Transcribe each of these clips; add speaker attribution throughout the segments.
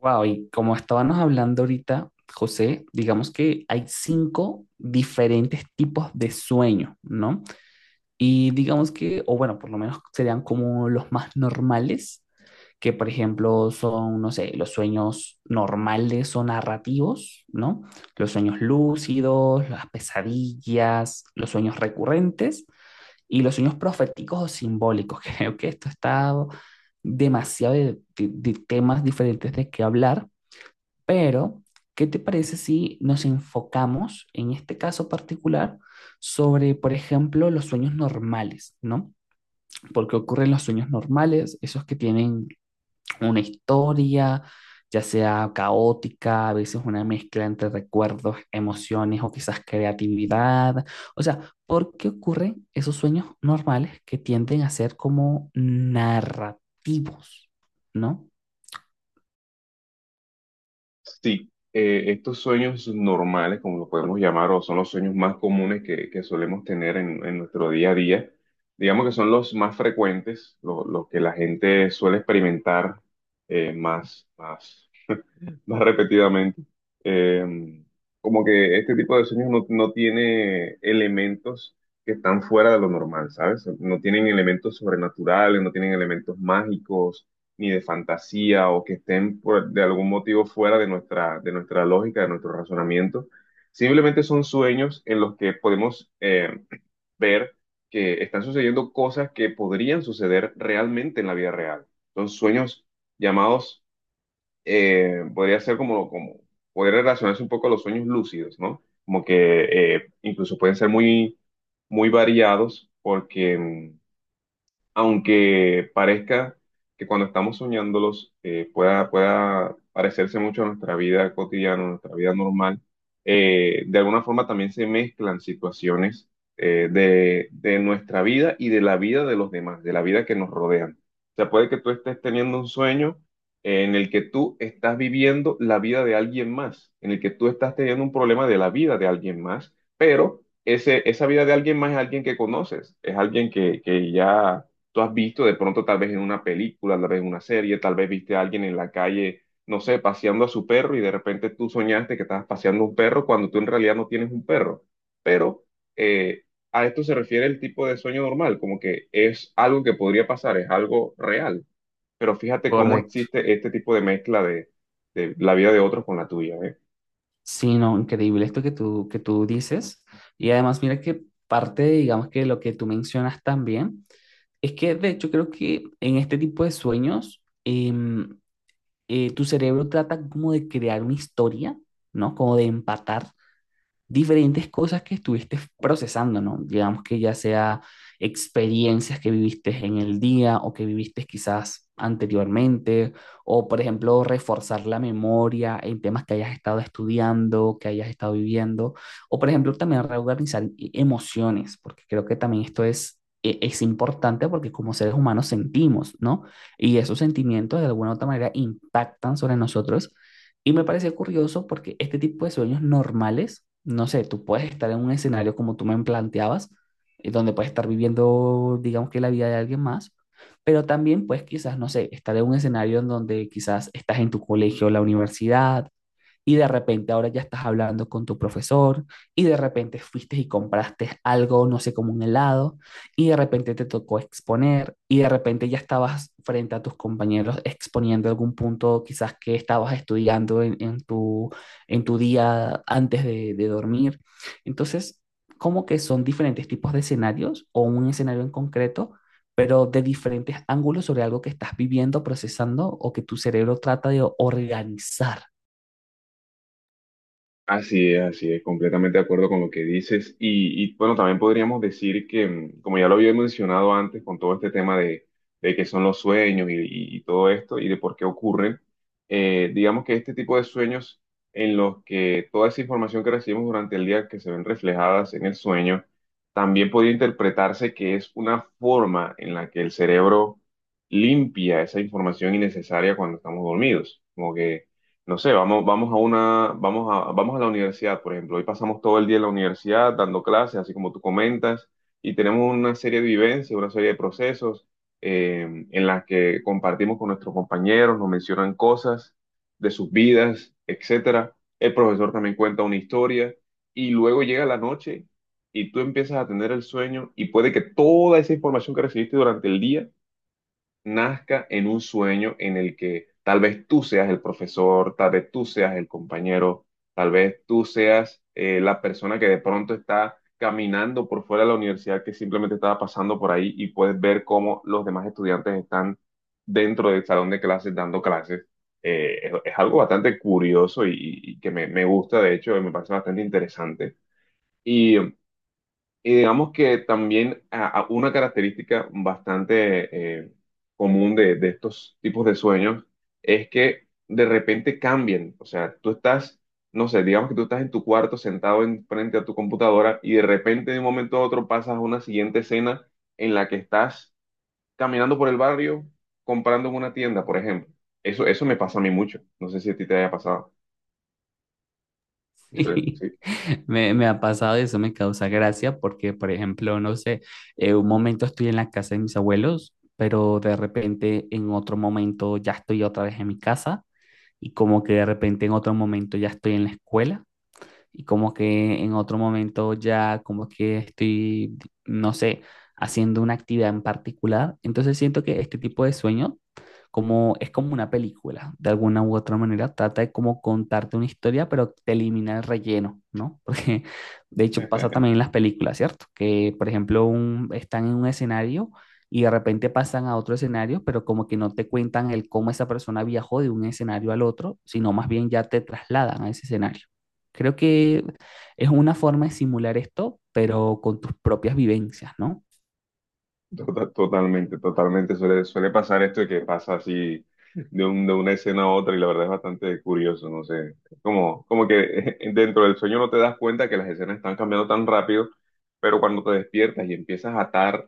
Speaker 1: Wow, y como estábamos hablando ahorita, José, digamos que hay cinco diferentes tipos de sueño, ¿no? Y digamos que, o bueno, por lo menos serían como los más normales, que por ejemplo son, no sé, los sueños normales o narrativos, ¿no? Los sueños lúcidos, las pesadillas, los sueños recurrentes y los sueños proféticos o simbólicos. Creo que esto está demasiado de temas diferentes de qué hablar. Pero, ¿qué te parece si nos enfocamos en este caso particular sobre, por ejemplo, los sueños normales? ¿No? Porque ocurren los sueños normales, esos que tienen una historia, ya sea caótica, a veces una mezcla entre recuerdos, emociones o quizás creatividad. O sea, ¿por qué ocurren esos sueños normales que tienden a ser como narrativos? ¿No?
Speaker 2: Sí, estos sueños normales, como lo podemos llamar, o son los sueños más comunes que solemos tener en nuestro día a día, digamos que son los más frecuentes, los que la gente suele experimentar eh, más, más más repetidamente. Eh, Como que este tipo de sueños no tiene elementos que están fuera de lo normal, ¿sabes? No tienen elementos sobrenaturales, no tienen elementos mágicos, ni de fantasía, o que estén de algún motivo fuera de nuestra lógica, de nuestro razonamiento. Simplemente son sueños en los que podemos ver que están sucediendo cosas que podrían suceder realmente en la vida real. Son sueños llamados podría ser como, como poder relacionarse un poco a los sueños lúcidos, ¿no? Como que incluso pueden ser muy, muy variados porque aunque parezca que cuando estamos soñándolos pueda parecerse mucho a nuestra vida cotidiana, a nuestra vida normal, de alguna forma también se mezclan situaciones de nuestra vida y de la vida de los demás, de la vida que nos rodean. O sea, puede que tú estés teniendo un sueño en el que tú estás viviendo la vida de alguien más, en el que tú estás teniendo un problema de la vida de alguien más, pero esa vida de alguien más es alguien que conoces, es alguien que ya tú has visto de pronto tal vez en una película, tal vez en una serie, tal vez viste a alguien en la calle, no sé, paseando a su perro y de repente tú soñaste que estabas paseando un perro cuando tú en realidad no tienes un perro. Pero eh, a esto se refiere el tipo de sueño normal, como que es algo que podría pasar, es algo real. Pero fíjate cómo
Speaker 1: Correcto.
Speaker 2: existe este tipo de mezcla de la vida de otros con la tuya, ¿eh?
Speaker 1: Sí, no, increíble esto que tú dices. Y además, mira que parte, digamos que lo que tú mencionas también, es que de hecho creo que en este tipo de sueños, tu cerebro trata como de crear una historia, ¿no? Como de empatar diferentes cosas que estuviste procesando, ¿no? Digamos que ya sea experiencias que viviste en el día o que viviste quizás anteriormente, o por ejemplo, reforzar la memoria en temas que hayas estado estudiando, que hayas estado viviendo, o por ejemplo, también reorganizar emociones, porque creo que también esto es importante porque como seres humanos sentimos, ¿no? Y esos sentimientos de alguna u otra manera impactan sobre nosotros y me parece curioso porque este tipo de sueños normales, no sé, tú puedes estar en un escenario como tú me planteabas, donde puedes estar viviendo, digamos que la vida de alguien más, pero también puedes quizás, no sé, estar en un escenario en donde quizás estás en tu colegio o la universidad, y de repente ahora ya estás hablando con tu profesor y de repente fuiste y compraste algo, no sé, como un helado y de repente te tocó exponer y de repente ya estabas frente a tus compañeros exponiendo algún punto quizás que estabas estudiando en tu, en tu día antes de dormir. Entonces, como que son diferentes tipos de escenarios o un escenario en concreto pero de diferentes ángulos sobre algo que estás viviendo, procesando o que tu cerebro trata de organizar.
Speaker 2: Así es, completamente de acuerdo con lo que dices. Y, bueno, también podríamos decir que, como ya lo había mencionado antes, con todo este tema de qué son los sueños y todo esto y de por qué ocurren, digamos que este tipo de sueños en los que toda esa información que recibimos durante el día que se ven reflejadas en el sueño, también podría interpretarse que es una forma en la que el cerebro limpia esa información innecesaria cuando estamos dormidos. Como que no sé, vamos, vamos a una, vamos a, vamos a la universidad, por ejemplo. Hoy pasamos todo el día en la universidad dando clases, así como tú comentas, y tenemos una serie de vivencias, una serie de procesos en las que compartimos con nuestros compañeros, nos mencionan cosas de sus vidas, etcétera. El profesor también cuenta una historia, y luego llega la noche y tú empiezas a tener el sueño, y puede que toda esa información que recibiste durante el día nazca en un sueño en el que tal vez tú seas el profesor, tal vez tú seas el compañero, tal vez tú seas la persona que de pronto está caminando por fuera de la universidad que simplemente estaba pasando por ahí y puedes ver cómo los demás estudiantes están dentro del salón de clases dando clases. Es algo bastante curioso y que me gusta, de hecho, me parece bastante interesante. Y y digamos que también a una característica bastante común de estos tipos de sueños es que de repente cambian. O sea, tú estás, no sé, digamos que tú estás en tu cuarto sentado en frente a tu computadora y de repente de un momento a otro pasas a una siguiente escena en la que estás caminando por el barrio comprando en una tienda, por ejemplo. Eso me pasa a mí mucho. No sé si a ti te haya pasado. Eso es,
Speaker 1: Sí,
Speaker 2: sí.
Speaker 1: me ha pasado y eso me causa gracia porque, por ejemplo, no sé, un momento estoy en la casa de mis abuelos, pero de repente en otro momento ya estoy otra vez en mi casa y como que de repente en otro momento ya estoy en la escuela y como que en otro momento ya como que estoy, no sé, haciendo una actividad en particular. Entonces siento que este tipo de sueño como es como una película, de alguna u otra manera, trata de como contarte una historia, pero te elimina el relleno, ¿no? Porque de hecho pasa también en las películas, ¿cierto? Que por ejemplo están en un escenario y de repente pasan a otro escenario, pero como que no te cuentan el cómo esa persona viajó de un escenario al otro, sino más bien ya te trasladan a ese escenario. Creo que es una forma de simular esto, pero con tus propias vivencias, ¿no?
Speaker 2: Totalmente, totalmente. Suele pasar esto de que pasa así de una escena a otra y la verdad es bastante curioso, no sé. Es como, como que dentro del sueño no te das cuenta que las escenas están cambiando tan rápido, pero cuando te despiertas y empiezas a atar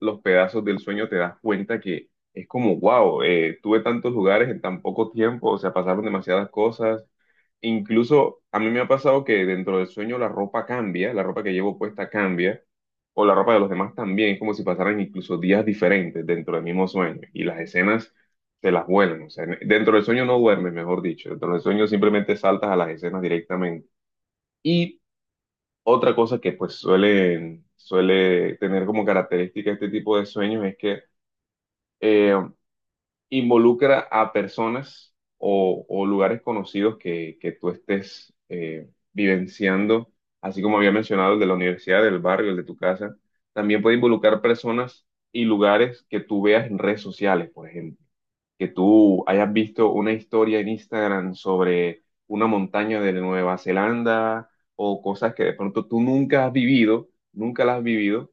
Speaker 2: los pedazos del sueño te das cuenta que es como, wow, tuve tantos lugares en tan poco tiempo, o sea, pasaron demasiadas cosas. Incluso a mí me ha pasado que dentro del sueño la ropa cambia, la ropa que llevo puesta cambia o la ropa de los demás también, es como si pasaran incluso días diferentes dentro del mismo sueño y las escenas se las vuelan, o sea, dentro del sueño no duermes, mejor dicho, dentro del sueño simplemente saltas a las escenas directamente. Y otra cosa que pues suele tener como característica este tipo de sueños es que eh, involucra a personas o lugares conocidos que tú estés vivenciando, así como había mencionado el de la universidad, del barrio, el de tu casa, también puede involucrar personas y lugares que tú veas en redes sociales, por ejemplo que tú hayas visto una historia en Instagram sobre una montaña de Nueva Zelanda o cosas que de pronto tú nunca has vivido, nunca las has vivido,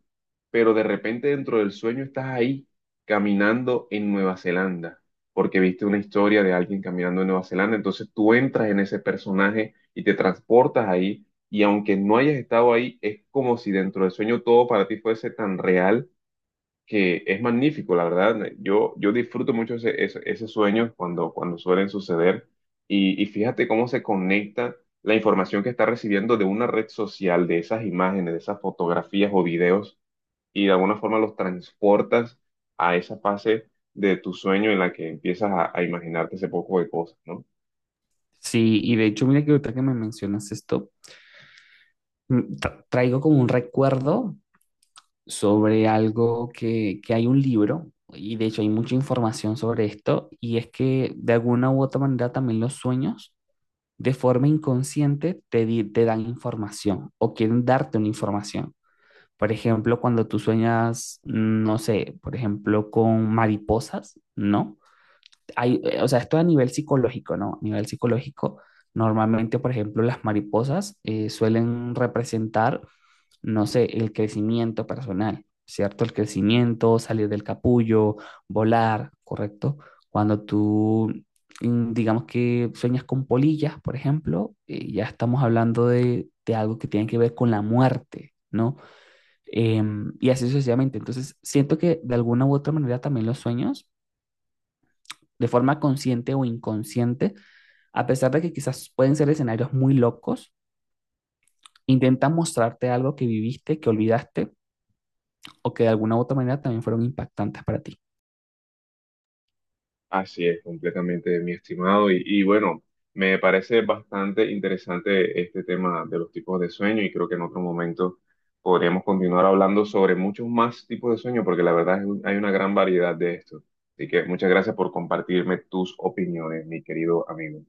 Speaker 2: pero de repente dentro del sueño estás ahí caminando en Nueva Zelanda, porque viste una historia de alguien caminando en Nueva Zelanda, entonces tú entras en ese personaje y te transportas ahí. Y aunque no hayas estado ahí, es como si dentro del sueño todo para ti fuese tan real que es magnífico, la verdad. Yo disfruto mucho ese sueño cuando, cuando suelen suceder y fíjate cómo se conecta la información que está recibiendo de una red social, de esas imágenes, de esas fotografías o videos y de alguna forma los transportas a esa fase de tu sueño en la que empiezas a imaginarte ese poco de cosas, ¿no?
Speaker 1: Sí, y de hecho, mira que ahorita que me mencionas esto, traigo como un recuerdo sobre algo que hay un libro, y de hecho hay mucha información sobre esto, y es que de alguna u otra manera también los sueños de forma inconsciente te dan información o quieren darte una información. Por ejemplo, cuando tú sueñas, no sé, por ejemplo, con mariposas, ¿no? Hay, o sea, esto a nivel psicológico, ¿no? A nivel psicológico, normalmente, por ejemplo, las mariposas suelen representar, no sé, el crecimiento personal, ¿cierto? El crecimiento, salir del capullo, volar, ¿correcto? Cuando tú, digamos que sueñas con polillas, por ejemplo, ya estamos hablando de algo que tiene que ver con la muerte, ¿no? Y así sucesivamente. Entonces, siento que de alguna u otra manera también los sueños de forma consciente o inconsciente, a pesar de que quizás pueden ser escenarios muy locos, intentan mostrarte algo que viviste, que olvidaste o que de alguna u otra manera también fueron impactantes para ti.
Speaker 2: Así es, completamente, mi estimado. Y bueno, me parece bastante interesante este tema de los tipos de sueño y creo que en otro momento podríamos continuar hablando sobre muchos más tipos de sueño porque la verdad hay una gran variedad de esto. Así que muchas gracias por compartirme tus opiniones, mi querido amigo.